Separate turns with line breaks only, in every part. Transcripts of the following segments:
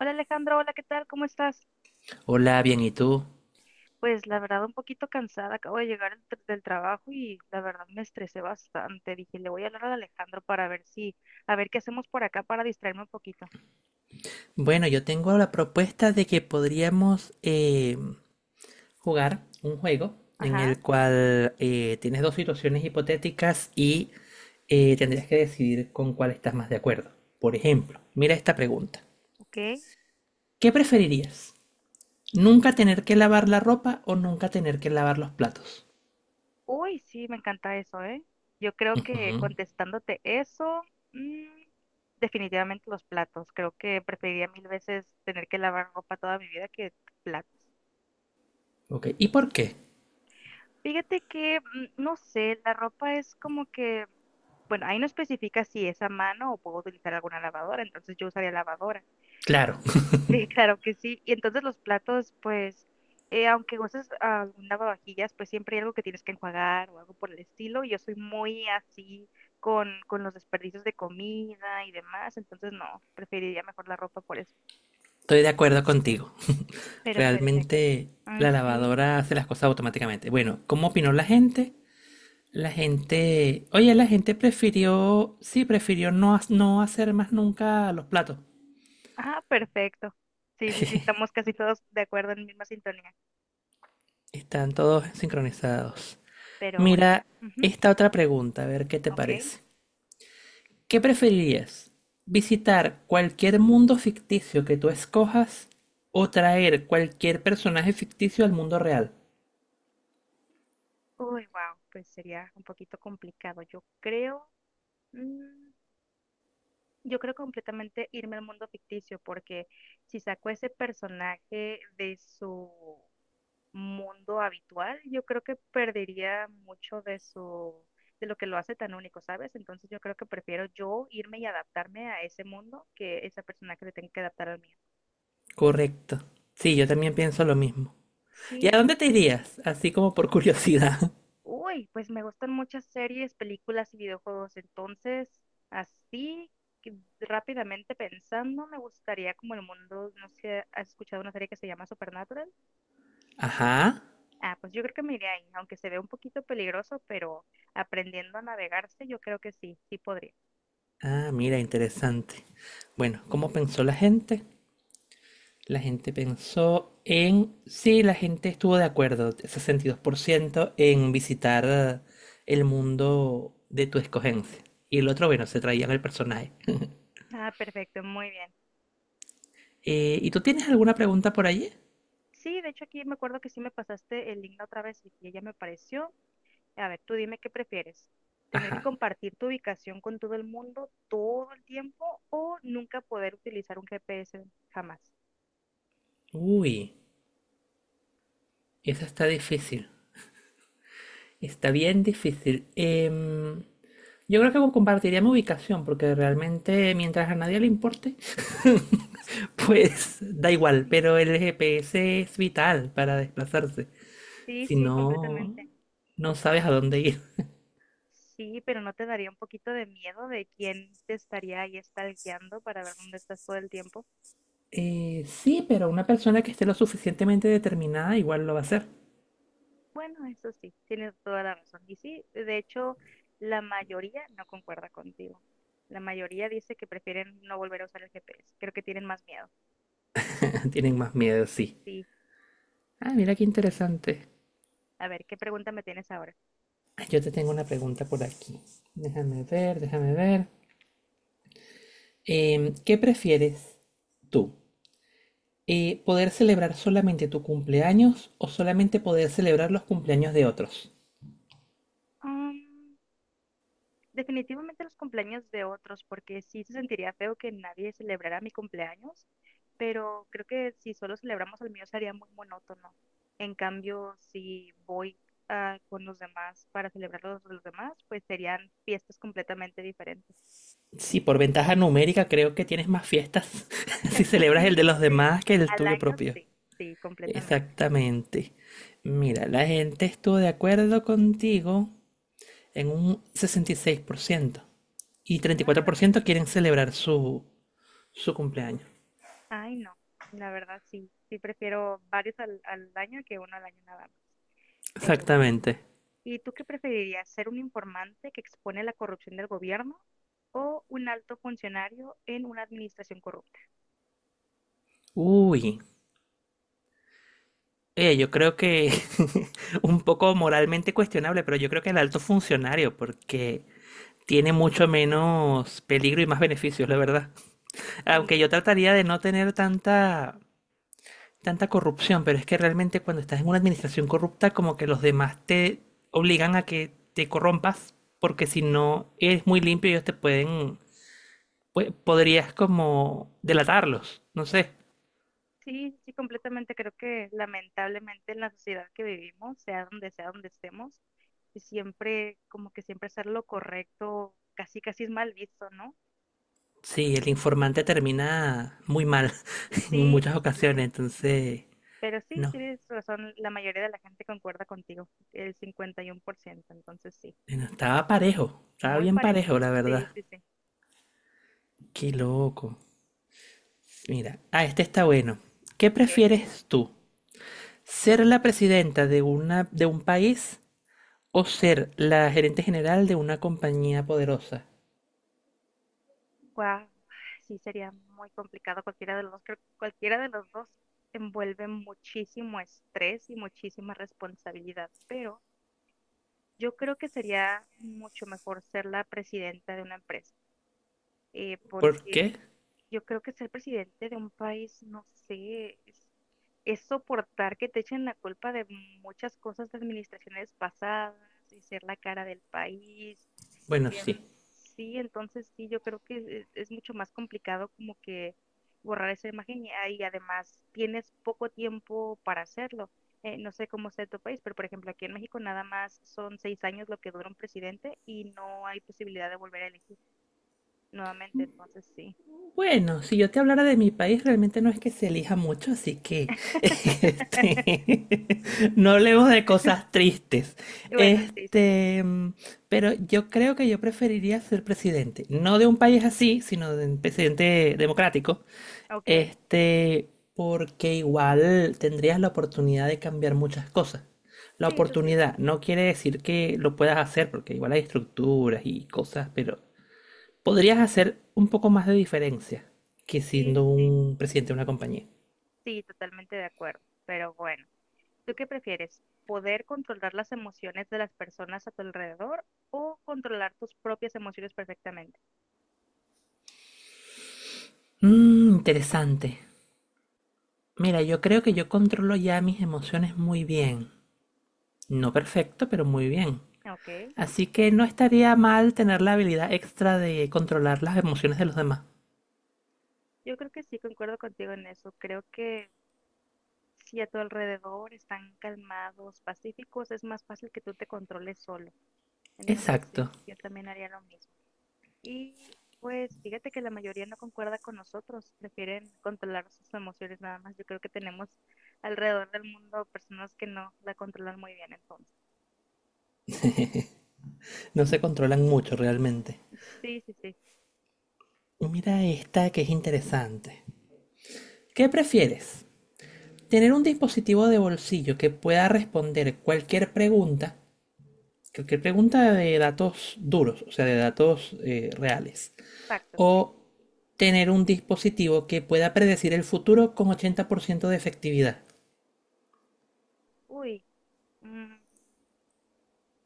Hola Alejandro, hola, ¿qué tal? ¿Cómo estás?
Hola, bien, ¿y tú?
Pues la verdad un poquito cansada, acabo de llegar del trabajo y la verdad me estresé bastante. Dije, le voy a hablar a Alejandro para ver si, a ver qué hacemos por acá para distraerme un poquito.
Bueno, yo tengo la propuesta de que podríamos jugar un juego en
Ajá,
el cual tienes dos situaciones hipotéticas y tendrías que decidir con cuál estás más de acuerdo. Por ejemplo, mira esta pregunta.
ok.
¿Qué preferirías? ¿Nunca tener que lavar la ropa o nunca tener que lavar los platos?
Uy, sí, me encanta eso, ¿eh? Yo creo que
Ujú.
contestándote eso, mm, definitivamente los platos. Creo que preferiría mil veces tener que lavar ropa toda mi vida que platos.
Ok, ¿y por qué?
Fíjate que, no sé, la ropa es como que, bueno, ahí no especifica si es a mano o puedo utilizar alguna lavadora, entonces yo usaría lavadora.
Claro,
Sí, claro que sí. Y entonces los platos, pues, aunque uses algún lavavajillas, pues siempre hay algo que tienes que enjuagar o algo por el estilo, y yo soy muy así con los desperdicios de comida y demás, entonces no, preferiría mejor la ropa por eso.
estoy de acuerdo contigo.
Pero perfecto.
Realmente
Ay,
la
sí.
lavadora hace las cosas automáticamente. Bueno, ¿cómo opinó la gente? La gente, oye, la gente prefirió, sí, prefirió no, hacer más nunca los platos.
Ah, perfecto. Sí, sí, sí, estamos casi todos de acuerdo en misma sintonía.
Están todos sincronizados.
Pero bueno,
Mira
ujú,
esta otra pregunta, a ver qué te
ok.
parece. ¿Qué preferirías? ¿Visitar cualquier mundo ficticio que tú escojas o traer cualquier personaje ficticio al mundo real?
Uy, wow, pues sería un poquito complicado. Mm, yo creo completamente irme al mundo ficticio, porque si saco ese personaje de su mundo habitual, yo creo que perdería mucho de su, de lo que lo hace tan único, ¿sabes? Entonces yo creo que prefiero yo irme y adaptarme a ese mundo que ese personaje se tenga que adaptar al mío.
Correcto. Sí, yo también pienso lo mismo. ¿Y
Sí,
a
sí,
dónde
sí.
te irías? Así como por curiosidad.
Uy, pues me gustan muchas series, películas y videojuegos. Entonces, así que rápidamente pensando, me gustaría como el mundo, no sé, ¿has escuchado una serie que se llama Supernatural?
Ajá.
Ah, pues yo creo que me iría ahí, aunque se ve un poquito peligroso, pero aprendiendo a navegarse, yo creo que sí, sí podría.
Ah, mira, interesante. Bueno, ¿cómo pensó la gente? Sí, la gente estuvo de acuerdo, 62%, en visitar el mundo de tu escogencia. Y el otro, bueno, se traían el personaje.
Ah, perfecto, muy bien.
¿Y tú tienes alguna pregunta por allí?
Sí, de hecho aquí me acuerdo que sí me pasaste el link la otra vez y que ya me pareció. A ver, tú dime qué prefieres, tener que
Ajá.
compartir tu ubicación con todo el mundo todo el tiempo o nunca poder utilizar un GPS jamás.
Uy, esa está difícil. Está bien difícil. Yo creo que compartiría mi ubicación, porque realmente mientras a nadie le importe, pues da igual,
Sí.
pero el GPS es vital para desplazarse.
Sí,
Si
sí,
no,
completamente.
no sabes a dónde ir.
Sí, pero ¿no te daría un poquito de miedo de quién te estaría ahí stalkeando para ver dónde estás todo el tiempo?
Sí, pero una persona que esté lo suficientemente determinada igual lo va a hacer.
Bueno, eso sí, tienes toda la razón. Y sí, de hecho, la mayoría no concuerda contigo. La mayoría dice que prefieren no volver a usar el GPS. Creo que tienen más miedo.
Tienen más miedo, sí.
Sí,
Ah, mira qué interesante.
a ver, ¿qué pregunta me tienes ahora?
Ah, yo te tengo una pregunta por aquí. Déjame ver, déjame ver. ¿Qué prefieres tú? ¿Poder celebrar solamente tu cumpleaños o solamente poder celebrar los cumpleaños de otros?
Mm, Definitivamente los cumpleaños de otros, porque sí se sentiría feo que nadie celebrara mi cumpleaños, pero creo que si solo celebramos el mío sería muy monótono. En cambio, si voy con los demás para celebrar los de los demás, pues serían fiestas completamente diferentes.
Sí, por ventaja numérica creo que tienes más fiestas si celebras el de
Sí,
los
sí, sí.
demás que el
Al
tuyo
año
propio.
sí, sí, completamente.
Exactamente. Mira, la gente estuvo de acuerdo contigo en un sesenta y seis por ciento y treinta y
Ah,
cuatro
la
por ciento
mayoría.
quieren celebrar su cumpleaños.
Ay, no. La verdad sí, sí prefiero varios al año que uno al año nada más. Pero bueno.
Exactamente.
¿Y tú qué preferirías, ser un informante que expone la corrupción del gobierno o un alto funcionario en una administración corrupta?
Uy, oye, yo creo que un poco moralmente cuestionable, pero yo creo que el alto funcionario, porque tiene mucho menos peligro y más beneficios, la verdad. Aunque yo
Sí,
trataría de no tener tanta corrupción, pero es que realmente cuando estás en una administración corrupta, como que los demás te obligan a que te corrompas, porque si no eres muy limpio, ellos te pueden, podrías como delatarlos, no sé.
sí, sí, completamente. Creo que lamentablemente en la sociedad que vivimos, sea donde estemos, y siempre, como que siempre hacer lo correcto, casi casi es mal visto, ¿no?
Sí, el informante termina muy mal en
Sí,
muchas
sí, sí, sí.
ocasiones, entonces
Pero sí,
no,
tienes razón, la mayoría de la gente concuerda contigo, el 51%. Entonces sí,
no, estaba parejo, estaba
muy
bien
parejo.
parejo, la
Sí,
verdad.
sí, sí.
Qué loco. Mira, este está bueno. ¿Qué
Ok.
prefieres tú? ¿Ser la presidenta de un país o ser la gerente general de una compañía poderosa?
Wow, sí sería muy complicado cualquiera de los dos. Creo que cualquiera de los dos envuelve muchísimo estrés y muchísima responsabilidad, pero yo creo que sería mucho mejor ser la presidenta de una empresa,
¿Por
porque
qué?
yo creo que ser presidente de un país, no sé, es soportar que te echen la culpa de muchas cosas de administraciones pasadas y ser la cara del país.
Bueno,
Em,
sí.
sí, entonces sí, yo creo que es mucho más complicado como que borrar esa imagen y además tienes poco tiempo para hacerlo. No sé cómo sea en tu país, pero por ejemplo aquí en México nada más son 6 años lo que dura un presidente y no hay posibilidad de volver a elegir nuevamente, entonces sí.
Bueno, si yo te hablara de mi país, realmente no es que se elija mucho, así que este, no hablemos de cosas tristes.
Bueno, sí, sí, sí.
Este, mm, pero yo creo que yo preferiría ser presidente, no de un país así, sino de un presidente democrático.
Ok.
Este, Porque igual tendrías la oportunidad de cambiar muchas cosas. La
Sí, eso sí.
oportunidad no quiere decir que lo puedas hacer, porque igual hay estructuras y cosas, pero podrías hacer un poco más de diferencia que
Sí, sí,
siendo
sí.
un presidente de una compañía.
Sí, totalmente de acuerdo. Pero bueno. ¿Tú qué prefieres? ¿Poder controlar las emociones de las personas a tu alrededor o controlar tus propias emociones perfectamente?
Mm, interesante. Mira, yo creo que yo controlo ya mis emociones muy bien. No perfecto, pero muy bien.
Ok,
Así que no estaría mal tener la habilidad extra de controlar las emociones de los demás.
yo creo que sí, concuerdo contigo en eso. Creo que si a tu alrededor están calmados, pacíficos, es más fácil que tú te controles solo. Entonces
Exacto.
sí, yo también haría lo mismo. Y pues fíjate que la mayoría no concuerda con nosotros, prefieren controlar sus emociones nada más. Yo creo que tenemos alrededor del mundo personas que no la controlan muy bien entonces.
No se controlan mucho realmente.
Sí, sí, sí.
Mira esta que es interesante. ¿Qué prefieres? ¿Tener un dispositivo de bolsillo que pueda responder cualquier pregunta? Creo que pregunta de datos duros, o sea, de datos reales.
Factos, ok.
¿O tener un dispositivo que pueda predecir el futuro con 80% de efectividad?
Uy, mm,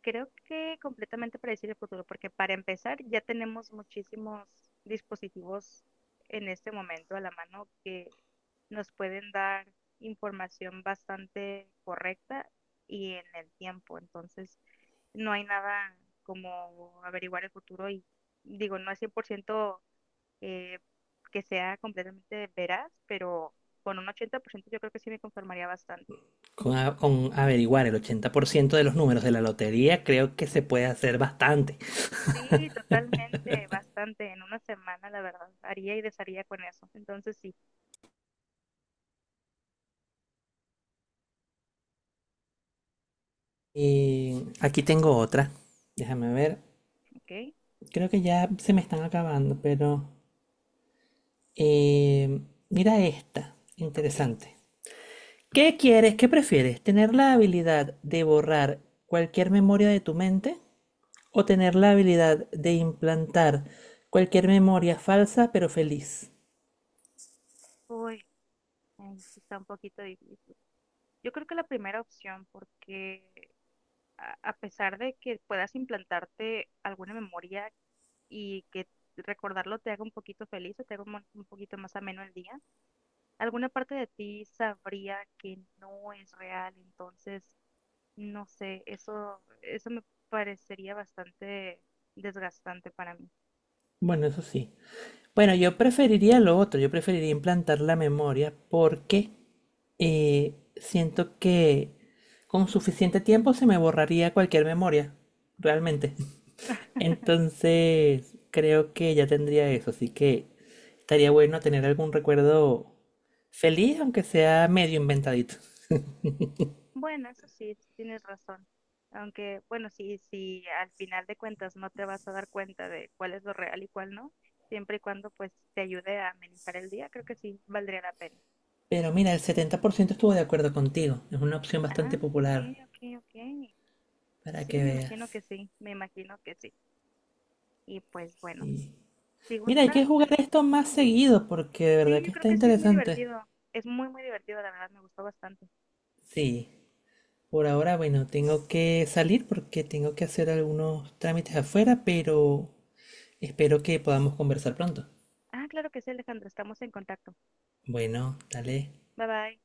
creo que completamente predecir el futuro, porque para empezar ya tenemos muchísimos dispositivos en este momento a la mano que nos pueden dar información bastante correcta y en el tiempo. Entonces, no hay nada como averiguar el futuro y digo, no es 100% eh, que sea completamente veraz, pero con un 80% yo creo que sí me conformaría bastante.
Con averiguar el 80% de los números de la lotería, creo que se puede hacer bastante.
Sí, totalmente, bastante. En una semana, la verdad, haría y desharía con eso. Entonces, sí,
Y aquí tengo otra. Déjame ver.
ok,
Creo que ya se me están acabando, pero eh, mira esta.
ok.
Interesante. ¿Qué quieres? ¿Qué prefieres? ¿Tener la habilidad de borrar cualquier memoria de tu mente o tener la habilidad de implantar cualquier memoria falsa pero feliz?
Uy, ay, sí está un poquito difícil. Yo creo que la primera opción, porque a pesar de que puedas implantarte alguna memoria y que recordarlo te haga un poquito feliz o te haga un poquito más ameno el día, alguna parte de ti sabría que no es real. Entonces, no sé, eso me parecería bastante desgastante para mí.
Bueno, eso sí. Bueno, yo preferiría lo otro, yo preferiría implantar la memoria porque siento que con suficiente tiempo se me borraría cualquier memoria, realmente. Entonces, creo que ya tendría eso, así que estaría bueno tener algún recuerdo feliz, aunque sea medio inventadito.
Bueno, eso sí, sí tienes razón. Aunque, bueno, sí, sí, al final de cuentas no te vas a dar cuenta de cuál es lo real y cuál no, siempre y cuando pues te ayude a amenizar el día, creo que sí valdría la pena.
Pero mira, el 70% estuvo de acuerdo contigo. Es una opción
Ah,
bastante popular
ok, ok, ok.
para
Sí,
que
me
veas.
imagino que sí, me imagino que sí. Y pues bueno,
Sí.
si
Mira, hay
gusta,
que jugar esto más seguido porque de verdad
sí, yo
que
creo
está
que sí es muy
interesante.
divertido. Es muy, muy divertido, la verdad, me gustó bastante.
Sí. Por ahora, bueno, tengo que salir porque tengo que hacer algunos trámites afuera, pero espero que podamos conversar pronto.
Ah, claro que sí, Alejandro, estamos en contacto.
Bueno, dale.
Bye bye.